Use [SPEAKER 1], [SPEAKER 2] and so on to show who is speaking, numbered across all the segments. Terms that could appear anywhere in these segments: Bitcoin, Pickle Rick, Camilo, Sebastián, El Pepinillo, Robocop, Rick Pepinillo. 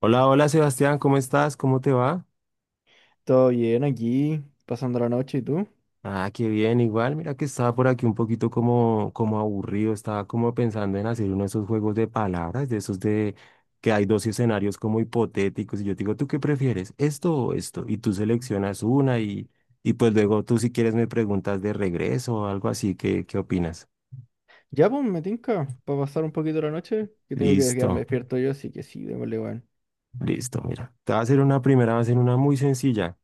[SPEAKER 1] Hola, hola Sebastián, ¿cómo estás? ¿Cómo te va?
[SPEAKER 2] Todo bien aquí, pasando la noche, ¿y tú?
[SPEAKER 1] Ah, qué bien, igual, mira que estaba por aquí un poquito como aburrido, estaba como pensando en hacer uno de esos juegos de palabras, de esos de que hay dos escenarios como hipotéticos y yo te digo, ¿tú qué prefieres? ¿Esto o esto? Y tú seleccionas una y pues luego tú si quieres me preguntas de regreso o algo así, ¿qué opinas?
[SPEAKER 2] Ya, pues, me tinca, para pasar un poquito la noche, que tengo que quedarme
[SPEAKER 1] Listo.
[SPEAKER 2] despierto yo, así que sí, démosle, weón.
[SPEAKER 1] Listo, mira. Te voy a hacer una primera, va a ser una muy sencilla.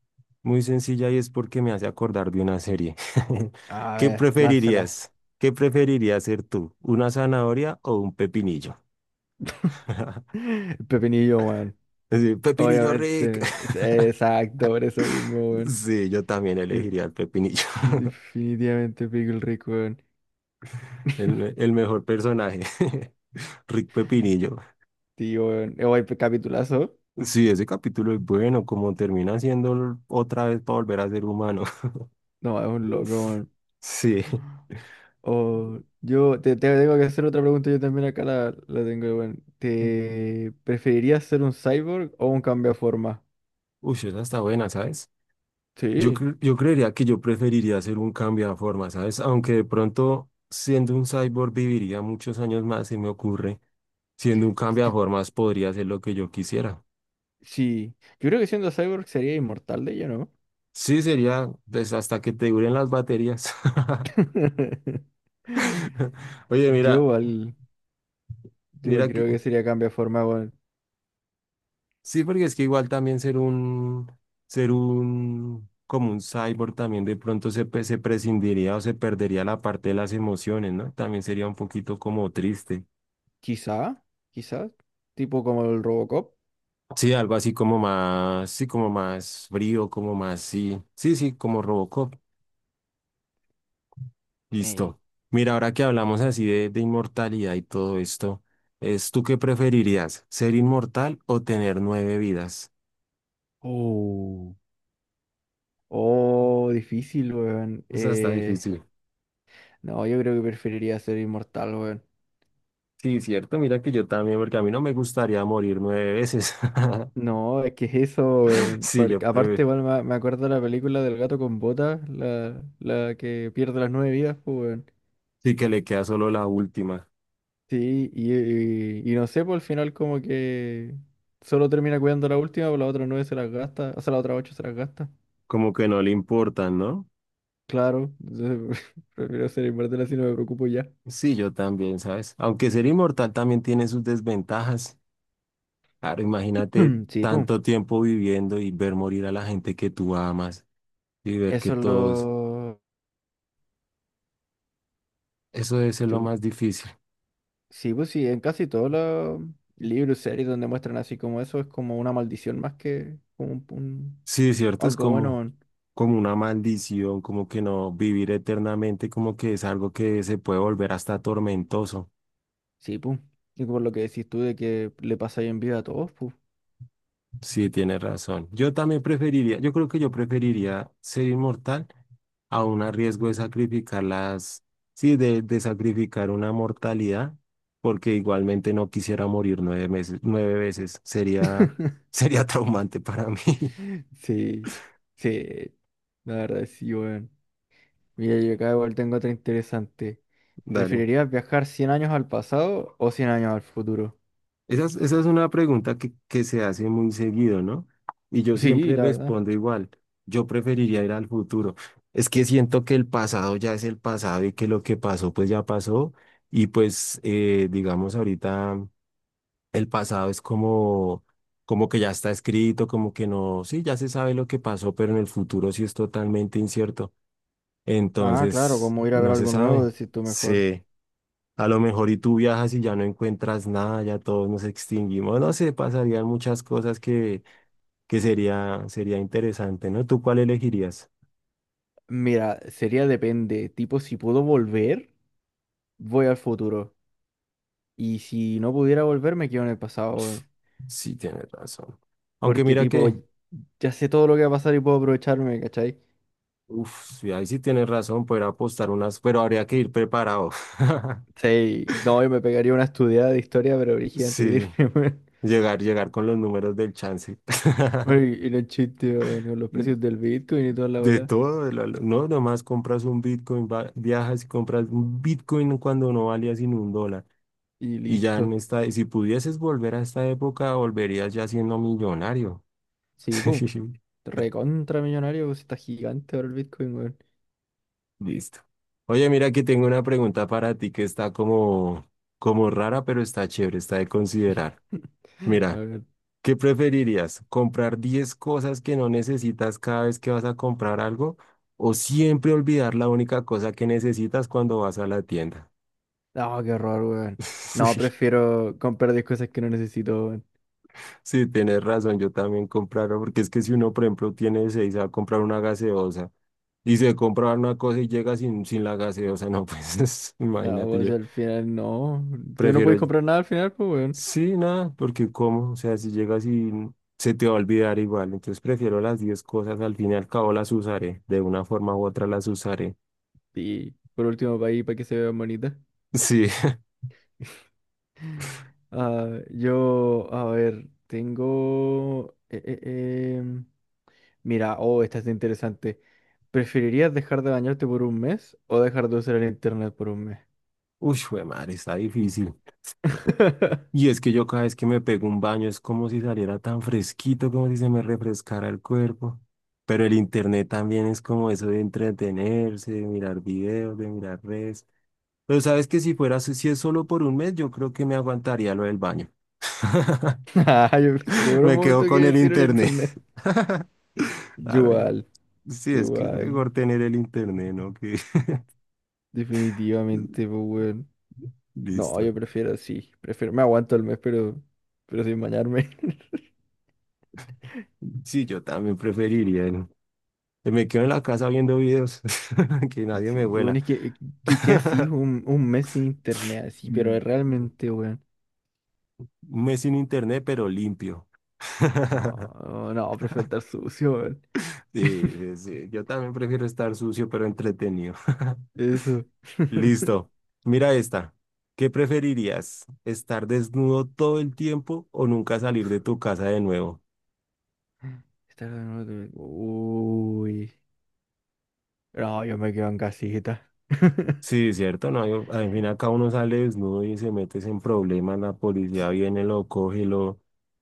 [SPEAKER 1] Muy sencilla y es porque me hace acordar de una serie.
[SPEAKER 2] A
[SPEAKER 1] ¿Qué
[SPEAKER 2] ver, lánzala.
[SPEAKER 1] preferirías? ¿Qué preferirías ser tú? ¿Una zanahoria o un pepinillo?
[SPEAKER 2] El Pepinillo, weón.
[SPEAKER 1] Sí, Pepinillo Rick.
[SPEAKER 2] Obviamente, sí, exacto, por eso mismo, weón.
[SPEAKER 1] Sí, yo también
[SPEAKER 2] De-
[SPEAKER 1] elegiría al Pepinillo,
[SPEAKER 2] Definitivamente Pickle Rick, weón.
[SPEAKER 1] el mejor personaje. Rick Pepinillo.
[SPEAKER 2] Tío, weón. Weón, capitulazo.
[SPEAKER 1] Sí, ese capítulo es bueno, como termina siendo otra vez para volver a ser humano.
[SPEAKER 2] No, es un loco, weón.
[SPEAKER 1] Sí.
[SPEAKER 2] O yo te tengo que hacer otra pregunta, yo también acá la tengo. Bueno, ¿te preferirías ser un cyborg o un cambiaforma?
[SPEAKER 1] Uy, esa está buena, ¿sabes?
[SPEAKER 2] Sí,
[SPEAKER 1] Yo creería que yo preferiría hacer un cambio de forma, ¿sabes? Aunque de pronto siendo un cyborg viviría muchos años más, se me ocurre. Siendo un cambio de
[SPEAKER 2] yo-
[SPEAKER 1] formas podría hacer lo que yo quisiera.
[SPEAKER 2] sí. Yo creo que siendo cyborg sería inmortal de ello, ¿no?
[SPEAKER 1] Sí, sería pues, hasta que te duren las baterías. Oye,
[SPEAKER 2] Yo
[SPEAKER 1] mira,
[SPEAKER 2] igual, yo igual
[SPEAKER 1] mira que
[SPEAKER 2] creo que sería cambia forma bueno,
[SPEAKER 1] sí, porque es que igual también ser un, como un cyborg también de pronto se prescindiría o se perdería la parte de las emociones, ¿no? También sería un poquito como triste.
[SPEAKER 2] quizá, quizá, tipo como el Robocop.
[SPEAKER 1] Sí, algo así como más, sí, como más frío, como más, sí, sí, sí, como Robocop.
[SPEAKER 2] Eh.
[SPEAKER 1] Listo. Mira, ahora que hablamos así de inmortalidad y todo esto, ¿es tú qué preferirías, ser inmortal o tener 9 vidas?
[SPEAKER 2] Oh, oh, difícil, weón.
[SPEAKER 1] Esa está difícil.
[SPEAKER 2] No, yo creo que preferiría ser inmortal, weón.
[SPEAKER 1] Sí, cierto, mira que yo también, porque a mí no me gustaría morir 9 veces.
[SPEAKER 2] No, es que es eso, weón,
[SPEAKER 1] Sí,
[SPEAKER 2] porque
[SPEAKER 1] yo creo,
[SPEAKER 2] aparte, igual me acuerdo de la película del gato con botas, la que pierde las nueve vidas, pues, weón.
[SPEAKER 1] sí que le queda solo la última,
[SPEAKER 2] Sí, y no sé, por el final como que solo termina cuidando la última, pues las otras nueve se las gasta, o sea, las otras ocho se las gasta.
[SPEAKER 1] como que no le importan, ¿no?
[SPEAKER 2] Claro, entonces, prefiero ser inmortal así, no me preocupo ya.
[SPEAKER 1] Sí, yo también, ¿sabes? Aunque ser inmortal también tiene sus desventajas. Claro, imagínate
[SPEAKER 2] Sí, pues,
[SPEAKER 1] tanto tiempo viviendo y ver morir a la gente que tú amas y ver que
[SPEAKER 2] eso es
[SPEAKER 1] todos,
[SPEAKER 2] lo...
[SPEAKER 1] eso debe ser lo
[SPEAKER 2] yo-
[SPEAKER 1] más difícil.
[SPEAKER 2] Sí, pues sí, en casi todos los libros, series donde muestran así como eso, es como una maldición más que como
[SPEAKER 1] Sí, cierto, es
[SPEAKER 2] algo bueno,
[SPEAKER 1] como,
[SPEAKER 2] weón.
[SPEAKER 1] como una maldición, como que no vivir eternamente, como que es algo que se puede volver hasta tormentoso.
[SPEAKER 2] Sí, pues. Y por lo que decís tú de que le pasa bien vida a todos, pues.
[SPEAKER 1] Sí, tienes razón. Yo también preferiría, yo creo que yo preferiría ser inmortal aún a riesgo de sacrificar las, sí, de sacrificar una mortalidad, porque igualmente no quisiera morir 9 meses, 9 veces. Sería, sería traumante para mí.
[SPEAKER 2] Sí, sí, la verdad sí, weón. Mira, yo acá igual tengo otra interesante.
[SPEAKER 1] Dale.
[SPEAKER 2] ¿Preferirías viajar 100 años al pasado o 100 años al futuro?
[SPEAKER 1] Esa es una pregunta que se hace muy seguido, ¿no? Y yo
[SPEAKER 2] Sí,
[SPEAKER 1] siempre
[SPEAKER 2] la verdad.
[SPEAKER 1] respondo igual. Yo preferiría ir al futuro. Es que siento que el pasado ya es el pasado y que lo que pasó, pues ya pasó. Y pues, digamos, ahorita. El pasado es como, como que ya está escrito, como que no, sí, ya se sabe lo que pasó, pero en el futuro sí es totalmente incierto.
[SPEAKER 2] Ah, claro,
[SPEAKER 1] Entonces,
[SPEAKER 2] como ir a ver
[SPEAKER 1] no se
[SPEAKER 2] algo nuevo,
[SPEAKER 1] sabe.
[SPEAKER 2] decís tú mejor.
[SPEAKER 1] Sí, a lo mejor y tú viajas y ya no encuentras nada, ya todos nos extinguimos, no sé, pasarían muchas cosas que sería, sería interesante, ¿no? ¿Tú cuál elegirías?
[SPEAKER 2] Mira, sería depende, tipo si puedo volver. Voy al futuro. Y si no pudiera volver, me quedo en el pasado, weón.
[SPEAKER 1] Sí, tienes razón. Aunque
[SPEAKER 2] Porque,
[SPEAKER 1] mira
[SPEAKER 2] tipo,
[SPEAKER 1] que,
[SPEAKER 2] ya sé todo lo que va a pasar y puedo aprovecharme, ¿cachai?
[SPEAKER 1] uff, ahí sí tienes razón, poder apostar unas, pero habría que ir preparado.
[SPEAKER 2] Sí, no, yo me pegaría una estudiada de historia, pero brígida antes de
[SPEAKER 1] Sí.
[SPEAKER 2] irme, weón.
[SPEAKER 1] Llegar, llegar con los números del chance.
[SPEAKER 2] Weón, y los chistes, weón, con los precios del Bitcoin y toda la
[SPEAKER 1] De
[SPEAKER 2] bola.
[SPEAKER 1] todo, no, nomás compras un Bitcoin, viajas y compras un Bitcoin cuando no valía sino un dólar.
[SPEAKER 2] Y
[SPEAKER 1] Y ya en
[SPEAKER 2] listo.
[SPEAKER 1] esta, si pudieses volver a esta época, volverías ya siendo millonario.
[SPEAKER 2] Sí, pum. Recontra millonario, pues está gigante ahora el Bitcoin, weón.
[SPEAKER 1] Listo. Oye, mira que tengo una pregunta para ti que está como, como rara, pero está chévere, está de considerar.
[SPEAKER 2] A
[SPEAKER 1] Mira.
[SPEAKER 2] ver.
[SPEAKER 1] ¿Qué preferirías? ¿Comprar 10 cosas que no necesitas cada vez que vas a comprar algo? ¿O siempre olvidar la única cosa que necesitas cuando vas a la tienda?
[SPEAKER 2] No, qué horror, weón. No, prefiero comprar 10 cosas que no necesito, weón.
[SPEAKER 1] Sí, sí, tienes razón, yo también compraro, porque es que si uno, por ejemplo, tiene seis, va a comprar una gaseosa y se compra una cosa y llega sin la gaseosa, no, pues
[SPEAKER 2] No,
[SPEAKER 1] imagínate, yo
[SPEAKER 2] pues al final no. Tú no puedes
[SPEAKER 1] prefiero.
[SPEAKER 2] comprar nada al final, pues, weón.
[SPEAKER 1] Sí, nada, porque cómo, o sea, si llegas y se te va a olvidar igual, entonces prefiero las 10 cosas, al fin y al cabo las usaré, de una forma u otra las usaré.
[SPEAKER 2] Y por último, para ahí, para que se vean bonitas.
[SPEAKER 1] Sí,
[SPEAKER 2] Ah, yo, a ver, tengo... Mira, oh, esta es interesante. ¿Preferirías dejar de bañarte por un mes o dejar de usar el internet por un mes?
[SPEAKER 1] uy, jue madre, está difícil. Y es que yo cada vez que me pego un baño es como si saliera tan fresquito, como si se me refrescara el cuerpo. Pero el internet también es como eso de entretenerse, de mirar videos, de mirar redes. Pero sabes que si fuera, si es solo por 1 mes, yo creo que me aguantaría lo del baño.
[SPEAKER 2] Ah, yo pensé por un
[SPEAKER 1] Me quedo
[SPEAKER 2] momento que
[SPEAKER 1] con
[SPEAKER 2] iba a
[SPEAKER 1] el
[SPEAKER 2] decir el
[SPEAKER 1] internet.
[SPEAKER 2] internet. Yo
[SPEAKER 1] Claro, yo.
[SPEAKER 2] igual,
[SPEAKER 1] Sí,
[SPEAKER 2] yo
[SPEAKER 1] es que es mejor
[SPEAKER 2] igual.
[SPEAKER 1] tener el internet, ¿no? Que...
[SPEAKER 2] Definitivamente, pues, weón. No,
[SPEAKER 1] Listo.
[SPEAKER 2] yo prefiero, sí. Prefiero, me aguanto el mes, pero sin bañarme.
[SPEAKER 1] Sí, yo también preferiría. ¿No? Que me quedo en la casa viendo videos, que nadie me
[SPEAKER 2] Sí,
[SPEAKER 1] vuela.
[SPEAKER 2] bueno, es que así un mes sin internet, así, pero
[SPEAKER 1] Mm,
[SPEAKER 2] es realmente, weón.
[SPEAKER 1] 1 mes sin internet, pero limpio.
[SPEAKER 2] No, no, prefiero estar sucio, weón.
[SPEAKER 1] Sí, sí, sí, yo también prefiero estar sucio, pero entretenido.
[SPEAKER 2] Eso.
[SPEAKER 1] Listo. Mira esta. ¿Qué preferirías? ¿Estar desnudo todo el tiempo o nunca salir de tu casa de nuevo?
[SPEAKER 2] Estar de nuevo de- Uy. No, yo me quedo en casita.
[SPEAKER 1] Sí, cierto, no, al fin acá uno sale desnudo y se mete en problemas, la policía viene, lo coge, lo,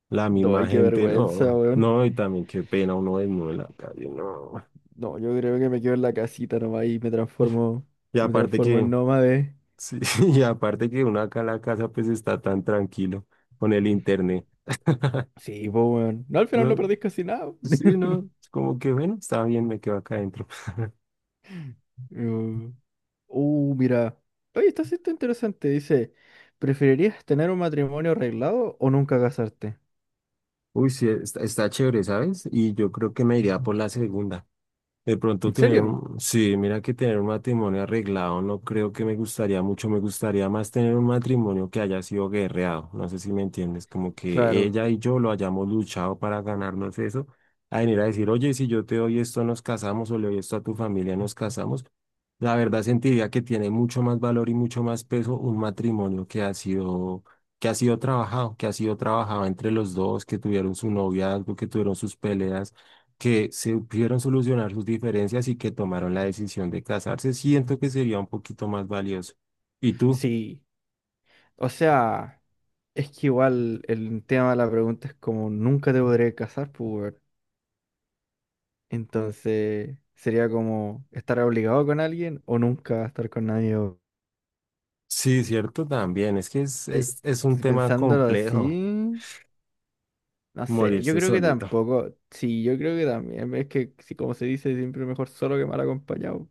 [SPEAKER 1] la misma
[SPEAKER 2] Doy, qué
[SPEAKER 1] gente,
[SPEAKER 2] vergüenza,
[SPEAKER 1] no,
[SPEAKER 2] weón.
[SPEAKER 1] no, y también qué pena uno desnudo en la calle, no.
[SPEAKER 2] No, yo creo que me quedo en la casita nomás y
[SPEAKER 1] Y
[SPEAKER 2] me
[SPEAKER 1] aparte
[SPEAKER 2] transformo
[SPEAKER 1] que,
[SPEAKER 2] en nómade.
[SPEAKER 1] sí, y aparte que uno acá en la casa pues está tan tranquilo con el internet,
[SPEAKER 2] Sí, pues, weón. No, al final no
[SPEAKER 1] no,
[SPEAKER 2] perdís casi nada.
[SPEAKER 1] sí, no, es como que bueno, está bien, me quedo acá adentro.
[SPEAKER 2] No. Mira. Oye, esta sí está interesante. Dice, ¿preferirías tener un matrimonio arreglado o nunca casarte?
[SPEAKER 1] Uy, sí, está, está chévere, ¿sabes? Y yo creo que me iría por la segunda. De pronto
[SPEAKER 2] ¿En
[SPEAKER 1] tener
[SPEAKER 2] serio?
[SPEAKER 1] un, sí, mira que tener un matrimonio arreglado no creo que me gustaría mucho, me gustaría más tener un matrimonio que haya sido guerreado, no sé si me entiendes, como que
[SPEAKER 2] Claro.
[SPEAKER 1] ella y yo lo hayamos luchado para ganarnos eso, a venir a decir, oye, si yo te doy esto nos casamos o le doy esto a tu familia nos casamos, la verdad sentiría que tiene mucho más valor y mucho más peso un matrimonio que ha sido trabajado, que ha sido trabajado entre los dos, que tuvieron su noviazgo, que tuvieron sus peleas que supieron solucionar sus diferencias y que tomaron la decisión de casarse, siento que sería un poquito más valioso. ¿Y tú?
[SPEAKER 2] Sí. O sea, es que igual el tema de la pregunta es como nunca te podré casar, pues. Entonces, sería como estar obligado con alguien o nunca estar con nadie.
[SPEAKER 1] Sí, cierto, también. Es que es un
[SPEAKER 2] Si
[SPEAKER 1] tema
[SPEAKER 2] pensándolo
[SPEAKER 1] complejo,
[SPEAKER 2] así, no sé, yo
[SPEAKER 1] morirse
[SPEAKER 2] creo que
[SPEAKER 1] solito.
[SPEAKER 2] tampoco. Sí, yo creo que también. Es que, si como se dice, siempre mejor solo que mal acompañado.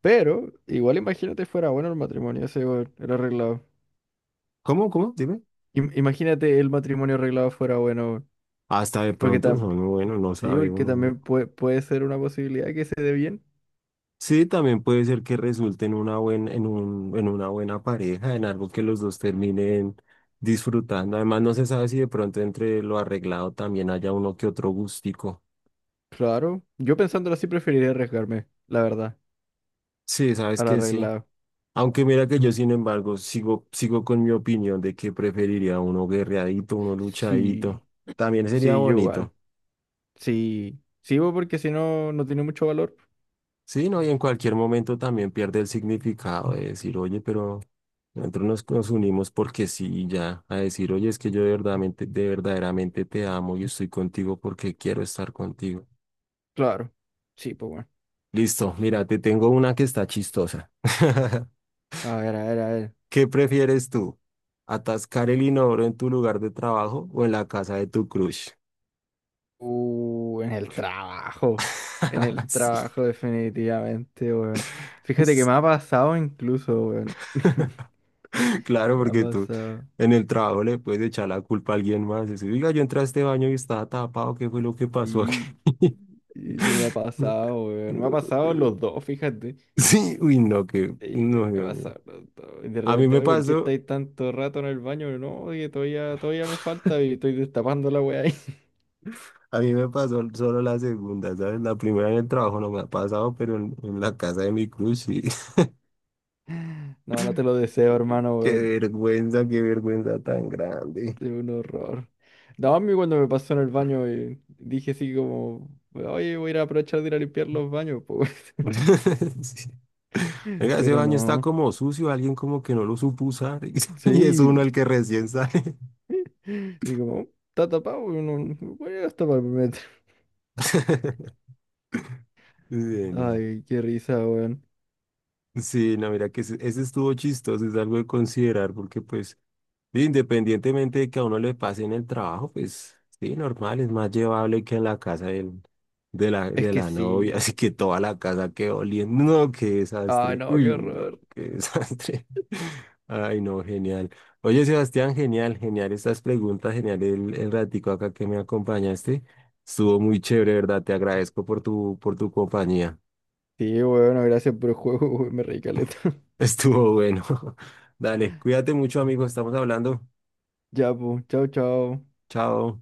[SPEAKER 2] Pero igual imagínate fuera bueno el matrimonio ese, weón, el arreglado.
[SPEAKER 1] ¿Cómo? ¿Cómo? Dime.
[SPEAKER 2] Imagínate el matrimonio arreglado fuera bueno, weón.
[SPEAKER 1] Hasta de
[SPEAKER 2] Porque,
[SPEAKER 1] pronto
[SPEAKER 2] tam
[SPEAKER 1] son, bueno, no
[SPEAKER 2] Sí,
[SPEAKER 1] sabe
[SPEAKER 2] porque
[SPEAKER 1] uno, ¿no?
[SPEAKER 2] también puede ser una posibilidad que se dé bien.
[SPEAKER 1] Sí, también puede ser que resulte en una buen, en un, en una buena pareja, en algo que los dos terminen disfrutando. Además, no se sabe si de pronto entre lo arreglado también haya uno que otro gustico.
[SPEAKER 2] Claro, yo pensándolo así preferiría arriesgarme, la verdad,
[SPEAKER 1] Sí, sabes
[SPEAKER 2] al
[SPEAKER 1] que sí.
[SPEAKER 2] arreglado.
[SPEAKER 1] Aunque mira que yo, sin embargo, sigo, sigo con mi opinión de que preferiría uno guerreadito, uno luchadito.
[SPEAKER 2] Sí,
[SPEAKER 1] También sería
[SPEAKER 2] sí, yo igual.
[SPEAKER 1] bonito.
[SPEAKER 2] Sí, sí, weón, porque si no, no tiene mucho valor.
[SPEAKER 1] Sí, ¿no? Y en cualquier momento también pierde el significado de decir, oye, pero nosotros nos, nos unimos porque sí, y ya. A decir, oye, es que yo de verdaderamente te amo y estoy contigo porque quiero estar contigo.
[SPEAKER 2] Claro, sí, pues bueno.
[SPEAKER 1] Listo, mira, te tengo una que está chistosa.
[SPEAKER 2] A ver, a ver, a ver.
[SPEAKER 1] ¿Qué prefieres tú? ¿Atascar el inodoro en tu lugar de trabajo o en la casa de tu crush?
[SPEAKER 2] En el en el
[SPEAKER 1] Sí.
[SPEAKER 2] trabajo definitivamente, weón. Fíjate que me ha pasado incluso, weón.
[SPEAKER 1] Claro,
[SPEAKER 2] Me ha
[SPEAKER 1] porque tú
[SPEAKER 2] pasado.
[SPEAKER 1] en el trabajo le puedes echar la culpa a alguien más. Decir, oiga, yo entré a este baño y estaba tapado, ¿qué fue lo que pasó aquí?
[SPEAKER 2] Sí, sí, sí me ha pasado, weón. Me ha pasado los dos, fíjate.
[SPEAKER 1] Sí, uy, no, que,
[SPEAKER 2] Sí,
[SPEAKER 1] no,
[SPEAKER 2] me ha
[SPEAKER 1] Dios mío.
[SPEAKER 2] pasado los dos. Y de
[SPEAKER 1] A mí
[SPEAKER 2] repente,
[SPEAKER 1] me
[SPEAKER 2] oye, ¿por qué
[SPEAKER 1] pasó,
[SPEAKER 2] estáis tanto rato en el baño? No, que todavía me falta y estoy destapando la weá ahí.
[SPEAKER 1] a mí me pasó solo la segunda, ¿sabes? La primera en el trabajo no me ha pasado, pero en la casa de mi cruz sí.
[SPEAKER 2] No, no te lo deseo, hermano, weón.
[SPEAKER 1] Qué vergüenza tan grande.
[SPEAKER 2] Es un horror. No, a mí cuando me pasó en el baño dije así como, oye, voy a ir a aprovechar de ir a limpiar los baños, pues.
[SPEAKER 1] Sí. Oiga, ese
[SPEAKER 2] Pero
[SPEAKER 1] baño está
[SPEAKER 2] no.
[SPEAKER 1] como sucio, alguien como que no lo supo usar y es uno
[SPEAKER 2] Sí.
[SPEAKER 1] el que recién sale.
[SPEAKER 2] Y como, está tapado, no voy a tapar el metro.
[SPEAKER 1] Genial.
[SPEAKER 2] Ay, qué risa, weón.
[SPEAKER 1] Sí, no, mira que ese estuvo chistoso, es algo de considerar porque pues sí, independientemente de que a uno le pase en el trabajo, pues sí, normal, es más llevable que en la casa
[SPEAKER 2] Es
[SPEAKER 1] de
[SPEAKER 2] que
[SPEAKER 1] la novia,
[SPEAKER 2] sí.
[SPEAKER 1] así que toda la casa quedó oliendo. No, qué
[SPEAKER 2] Ay,
[SPEAKER 1] desastre.
[SPEAKER 2] no, qué
[SPEAKER 1] Uy, no,
[SPEAKER 2] horror.
[SPEAKER 1] qué desastre. Ay, no, genial. Oye, Sebastián, genial, genial estas preguntas, genial el ratico acá que me acompañaste. Estuvo muy chévere, ¿verdad? Te agradezco por tu compañía.
[SPEAKER 2] Sí, bueno, gracias por el juego, weón, me reí caleta.
[SPEAKER 1] Estuvo bueno. Dale, cuídate mucho, amigo, estamos hablando.
[SPEAKER 2] Ya, pues, chao, chao.
[SPEAKER 1] Chao.